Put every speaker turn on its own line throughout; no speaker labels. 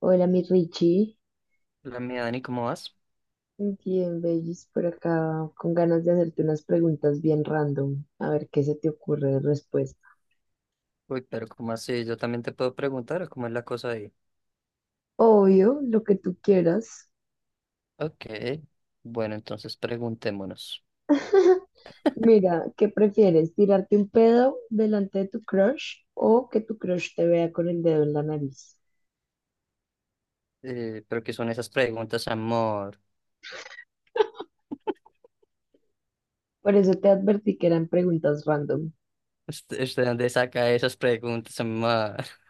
Hola, mi Richie.
La mía, Dani, ¿cómo vas?
Bien, Bellis, por acá, con ganas de hacerte unas preguntas bien random, a ver qué se te ocurre de respuesta.
Uy, pero ¿cómo así? Yo también te puedo preguntar, ¿o cómo es la cosa ahí?
Obvio, lo que tú quieras.
Ok, bueno, entonces preguntémonos.
Mira, ¿qué prefieres? ¿Tirarte un pedo delante de tu crush o que tu crush te vea con el dedo en la nariz?
¿Pero qué son esas preguntas, amor?
Por eso te advertí que eran preguntas random.
¿Usted dónde saca esas preguntas, amor?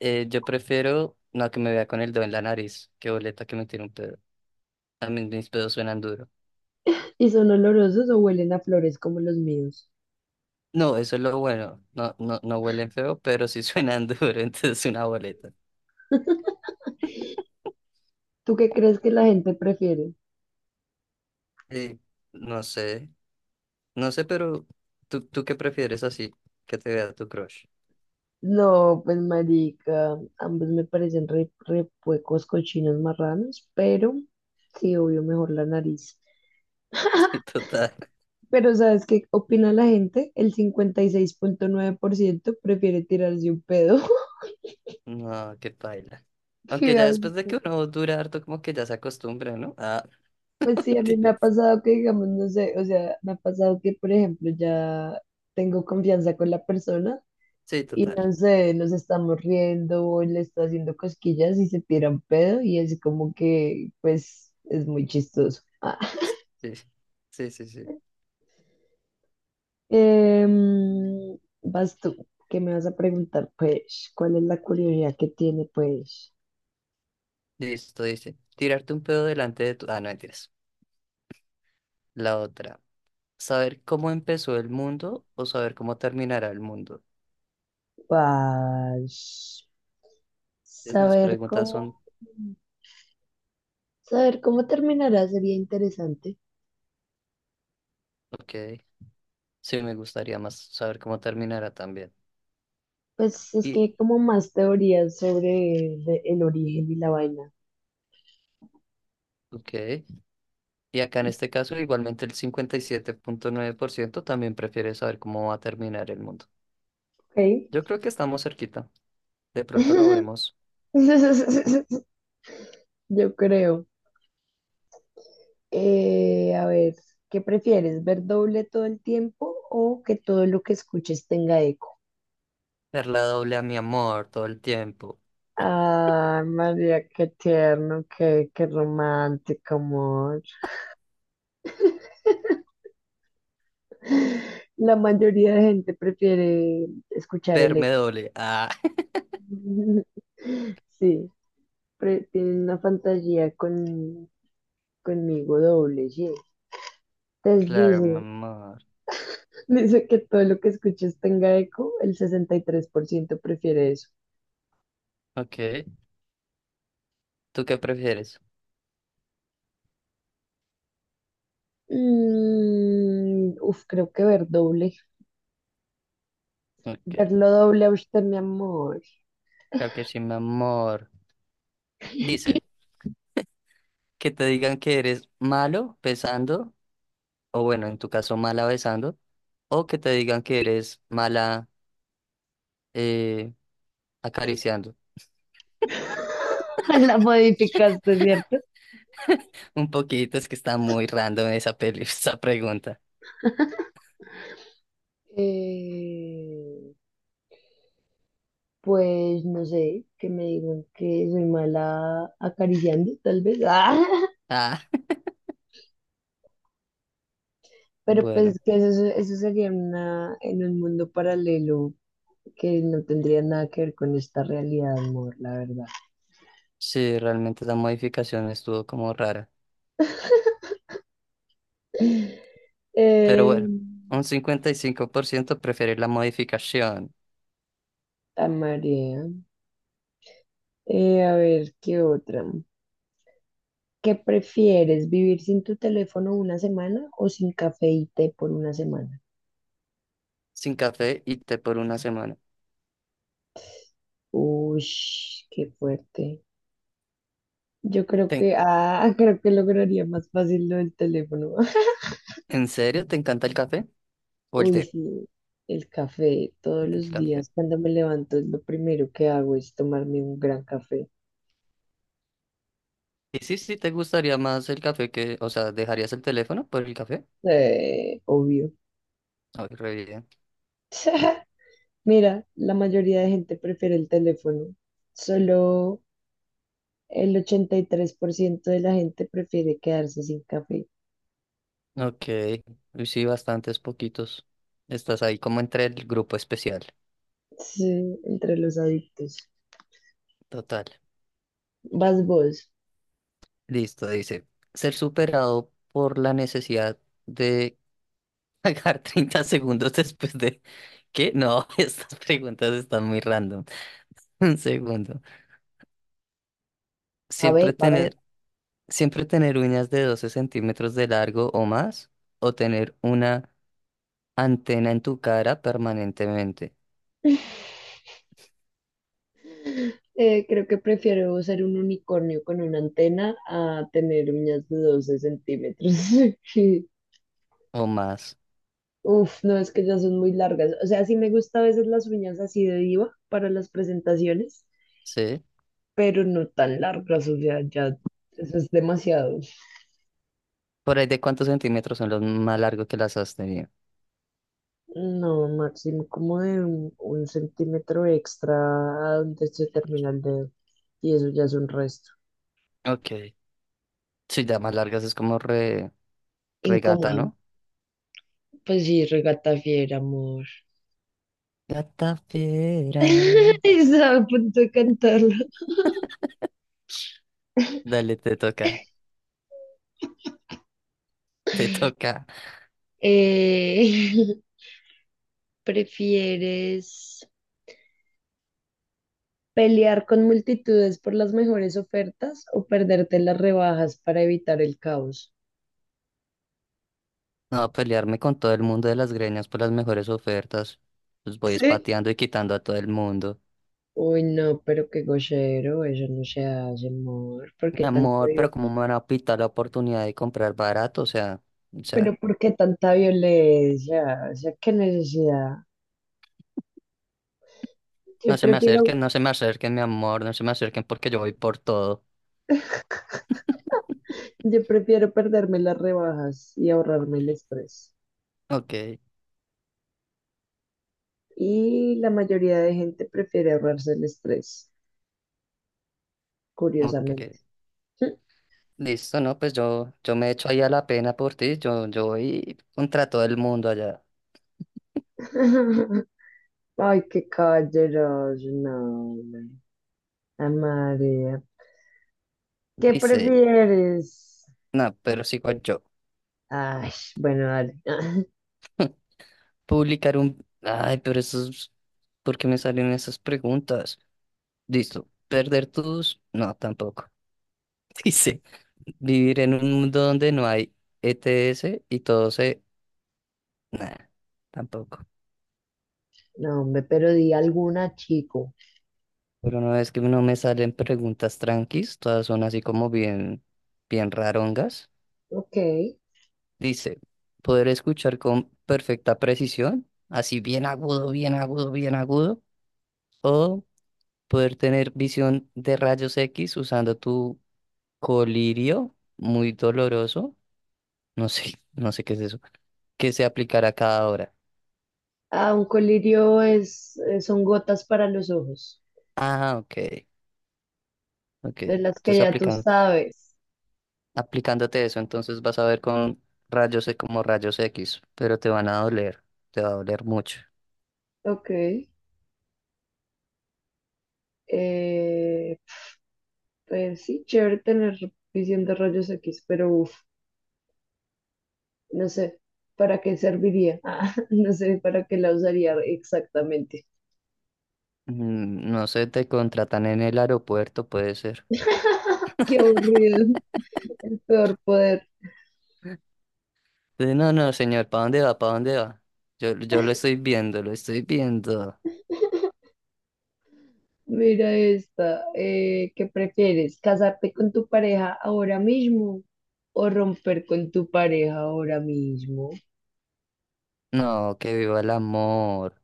Yo prefiero no que me vea con el dedo en la nariz. Qué boleta que me tire un pedo. A mí mis pedos suenan duro.
¿Y son olorosos o huelen a flores como los míos?
No, eso es lo bueno. No, no, no huelen feo, pero sí suenan duro, entonces una boleta.
¿Tú qué crees que la gente prefiere?
Eh, no sé, no sé, pero ¿tú qué prefieres así? Que te vea tu crush.
No, pues marica, ambos me parecen re puecos, cochinos, marranos, pero sí, obvio, mejor la nariz.
Sí, total.
Pero ¿sabes qué opina la gente? El 56,9% prefiere tirarse un pedo.
No, qué paila. Aunque
Qué
ya después de que
asco.
uno dura harto, como que ya se acostumbra, ¿no? Ah,
Pues sí, a mí me ha
mentiras.
pasado que, digamos, no sé, o sea, me ha pasado que, por ejemplo, ya tengo confianza con la persona
Sí,
y
total.
no sé, nos estamos riendo o le está haciendo cosquillas y se tira un pedo y así como que, pues, es muy chistoso. Ah.
Sí, sí, sí, sí.
Em, vas tú, ¿qué me vas a preguntar? Pues, ¿cuál es la curiosidad que tiene, pues,
Listo, dice. Tirarte un pedo delante de tu... Ah, no, mentiras. La otra. ¿Saber cómo empezó el mundo o saber cómo terminará el mundo?
pues,
Mis
saber
preguntas
cómo,
son...
saber cómo terminará sería interesante.
Ok. Sí, me gustaría más saber cómo terminará también.
Pues es que
Y...
hay como más teorías sobre el origen y la vaina.
Ok. Y acá en este caso, igualmente el 57,9% también prefiere saber cómo va a terminar el mundo.
Ok.
Yo creo que estamos cerquita. De pronto lo vemos.
Yo creo. A ver, ¿qué prefieres? ¿Ver doble todo el tiempo o que todo lo que escuches tenga eco?
Perla doble a mi amor todo el tiempo.
Ah, María, qué tierno, qué romántico, amor. La mayoría de gente prefiere escuchar el
Perme
eco.
doble. Ah,
Sí, tienen una fantasía conmigo doble G. Entonces
claro, mi
dice,
amor.
dice que todo lo que escuches tenga eco, el 63% prefiere eso.
Ok. ¿Tú qué prefieres?
Uf, creo que ver doble.
Ok.
Verlo doble a usted, mi amor.
Claro que sí, mi amor. Dice, que te digan que eres malo besando, o bueno, en tu caso mala besando, o que te digan que eres mala eh, acariciando.
La modificaste, ¿cierto?
Un poquito, es que está muy random esa peli, esa pregunta.
Eh, pues no sé, que me digan que soy mala acariciando, tal vez.
Ah,
Pero
bueno.
pues que eso sería una, en un mundo paralelo que no tendría nada que ver con esta realidad, amor, la verdad.
Sí, realmente la modificación estuvo como rara. Pero
Eh,
bueno, un 55% prefiere la modificación
a María. A ver, ¿qué otra? ¿Qué prefieres, vivir sin tu teléfono una semana o sin café y té por una semana?
sin café y té por una semana.
Uy, qué fuerte. Yo creo
¿Te-
que, ah, creo que lograría más fácil lo del teléfono.
¿En serio te encanta el café o el
Uy,
té?
sí, el café todos
El
los
café.
días cuando me levanto lo primero que hago es tomarme un gran café.
Y sí, sí, te gustaría más el café que, o sea, ¿dejarías el teléfono por el café?
Obvio.
Ay, re bien.
Mira, la mayoría de gente prefiere el teléfono. Solo el 83% de la gente prefiere quedarse sin café.
Ok, y sí, bastantes poquitos. Estás ahí como entre el grupo especial.
Sí, entre los adictos.
Total.
Vas vos.
Listo, dice. Ser superado por la necesidad de pagar 30 segundos después de... ¿Qué? No, estas preguntas están muy random. Un segundo.
A ver,
Siempre
a ver.
tener, siempre tener uñas de 12 centímetros de largo o más, o tener una antena en tu cara permanentemente
Creo que prefiero ser un unicornio con una antena a tener uñas de 12 centímetros.
o más.
Uf, no, es que ya son muy largas. O sea, sí me gusta a veces las uñas así de diva para las presentaciones,
¿Sí?
pero no tan largas, o sea, ya eso es demasiado.
Por ahí de cuántos centímetros son los más largos que las has tenido.
No, máximo como de un centímetro extra a donde se termina el dedo. Y eso ya es un resto.
Ok. Sí, ya más largas es como regata,
Incómodo.
¿no?
Pues sí, regata fiera, amor.
Gata fiera.
Estaba a punto de cantarlo.
Dale, te toca. Te toca.
Eh, ¿prefieres pelear con multitudes por las mejores ofertas o perderte las rebajas para evitar el caos?
No, a pelearme con todo el mundo de las greñas por las mejores ofertas. Los voy
Sí,
espateando y quitando a todo el mundo.
uy, no, pero qué gochero, eso no se hace, amor. ¿Por
Mi
qué tanta
amor, pero ¿cómo
violencia?
me van a pitar la oportunidad de comprar barato? O
Pero
sea,
¿por qué tanta violencia? O sea, qué necesidad. Yo
no se me
prefiero,
acerquen, no se me acerquen, mi amor, no se me acerquen porque yo voy por todo.
yo prefiero perderme las rebajas y ahorrarme el estrés.
Ok,
Y la mayoría de gente prefiere ahorrarse el estrés,
ok.
curiosamente.
Listo, no, pues yo, me echo ahí a la pena por ti. Yo voy contra todo el mundo allá.
Ay, qué calleros, no. No. Ah, María. ¿Qué
Dice,
prefieres?
no, pero sigo yo.
Ay, bueno, dale.
Publicar un. Ay, pero eso es. ¿Por qué me salen esas preguntas? Listo. Perder tus... No, tampoco. Dice, vivir en un mundo donde no hay ETS y todo se... Nah, tampoco.
No, hombre, pero di alguna, chico.
Pero no es que no me salen preguntas tranquis, todas son así como bien, bien rarongas.
Ok.
Dice, poder escuchar con perfecta precisión, así bien agudo, bien agudo, bien agudo, o poder tener visión de rayos X usando tu colirio, muy doloroso. No sé, no sé qué es eso. Que se aplicará cada hora.
Ah, un colirio es, son gotas para los ojos,
Ah, ok, ok.
de las que
Entonces
ya tú sabes.
aplicándote eso, entonces vas a ver con rayos E como rayos X, pero te van a doler, te va a doler mucho.
Ok. Eh, pues sí, chévere tener suficientes rayos X, pero uf, no sé, ¿para qué serviría? Ah, no sé, ¿para qué la usaría exactamente?
Mm, no sé, te contratan en el aeropuerto, puede ser.
Qué aburrido, el peor poder.
No, no, señor, ¿para dónde va? ¿Para dónde va? Yo lo estoy viendo, lo estoy viendo.
Mira esta, ¿qué prefieres? ¿Casarte con tu pareja ahora mismo o romper con tu pareja ahora mismo?
No, que viva el amor.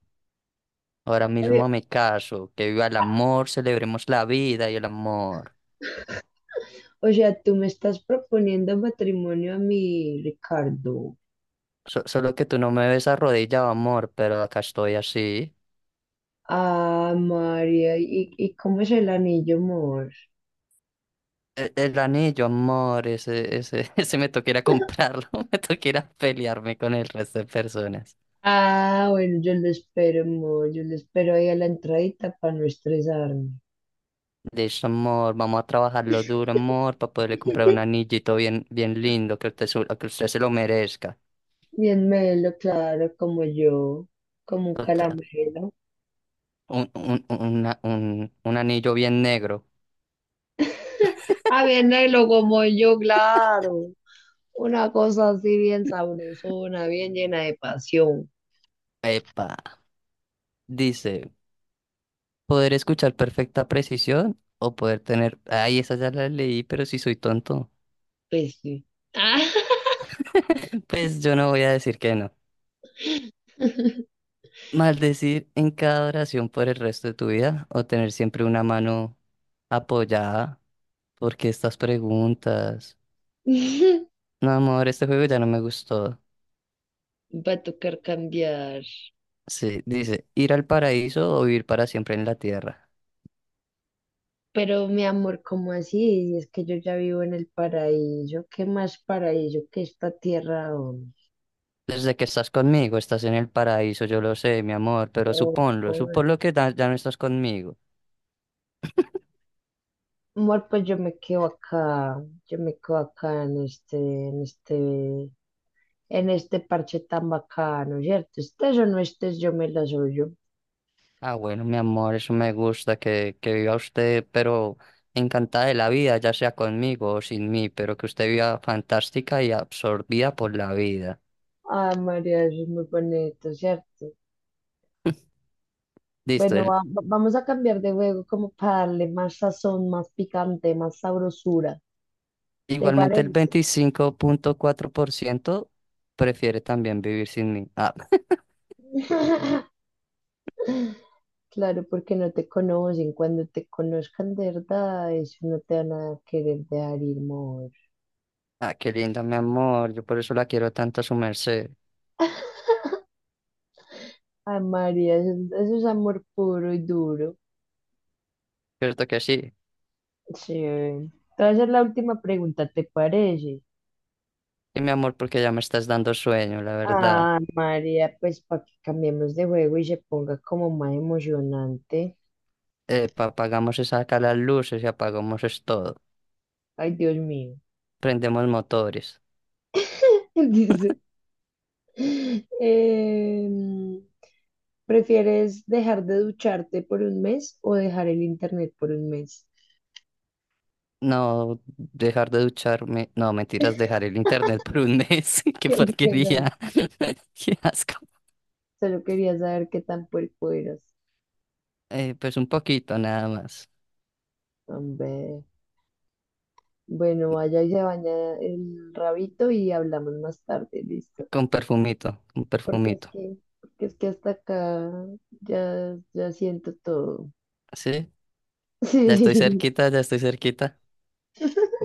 Ahora mismo
Oye,
me caso, que viva el amor, celebremos la vida y el amor.
o sea, tú me estás proponiendo matrimonio a mí, Ricardo.
Solo que tú no me ves arrodillado, amor, pero acá estoy así.
Ah, María, y cómo es el anillo, amor?
El anillo, amor, ese me toca ir a comprarlo, me toca ir a pelearme con el resto de personas.
Ah, bueno, yo lo espero, amor. Yo lo espero ahí a la entradita para no estresarme.
De Listo, amor, vamos a trabajarlo duro, amor, para poderle comprar un anillito bien, bien lindo, que usted se lo merezca.
Bien melo, claro, como yo, como un
Total,
calamero.
un anillo bien negro.
A venderlo como yo, claro. Una cosa así bien sabrosona, bien llena de pasión.
Epa, dice, poder escuchar perfecta precisión o poder tener... Ay, esa ya la leí, pero si soy tonto.
Pues sí. Ah.
Pues yo no voy a decir que no. Maldecir en cada oración por el resto de tu vida o tener siempre una mano apoyada. ¿Porque estas preguntas? No, amor, este juego ya no me gustó.
Va a tocar cambiar.
Sí, dice, ir al paraíso o vivir para siempre en la tierra.
Pero mi amor, ¿cómo así? Si es que yo ya vivo en el paraíso. ¿Qué más paraíso que esta tierra, hombre?
Desde que estás conmigo, estás en el paraíso, yo lo sé, mi amor, pero
Oh,
suponlo,
amor,
suponlo ya no estás conmigo.
amor, pues yo me quedo acá. Yo me quedo acá en este en este parche tan bacano, ¿cierto? Estés o no estés, yo me las oyo.
Ah, bueno, mi amor, eso me gusta que, viva usted, pero encantada de la vida, ya sea conmigo o sin mí, pero que usted viva fantástica y absorbida por la vida.
Ay, María, eso es muy bonito, ¿cierto?
Listo,
Bueno,
el-
vamos a cambiar de juego como para darle más sazón, más picante, más sabrosura. ¿Te
Igualmente el
parece?
25,4% prefiere también vivir sin mí. Ah,
Claro, porque no te conocen. Cuando te conozcan de verdad, eso no te van a querer dejar ir, amor.
ah, qué linda, mi amor, yo por eso la quiero tanto a su merced.
Ay, María, eso es amor puro y duro.
¿Cierto que sí?
Sí. Te voy a hacer la última pregunta, ¿te parece?
Y mi amor, porque ya me estás dando sueño, la verdad.
Ah, María, pues para que cambiemos de juego y se ponga como más emocionante.
Apagamos esas acá las luces y apagamos es todo.
Ay, Dios mío.
Prendemos motores.
Dice, em, ¿prefieres dejar de ducharte por un mes o dejar el internet por un mes?
No, dejar de ducharme. No, mentiras, dejar el internet por un mes. Qué
¿Qué prefieres?
porquería. Qué asco.
Solo quería saber qué tan puerco eras.
Pues un poquito nada más.
Hombre. Bueno, vaya y se baña el rabito y hablamos más tarde, ¿listo?
Con perfumito, con perfumito.
Porque es que hasta acá ya, ya siento todo.
¿Sí? Ya estoy
Sí.
cerquita, ya estoy cerquita.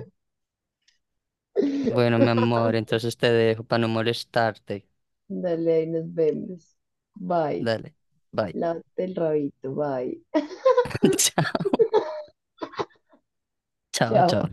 Bueno, mi amor, entonces te dejo para no molestarte.
Dale, ahí nos vemos. Bye.
Dale. Bye.
Lávate el rabito. Bye.
Chao, chao,
Chao.
chao.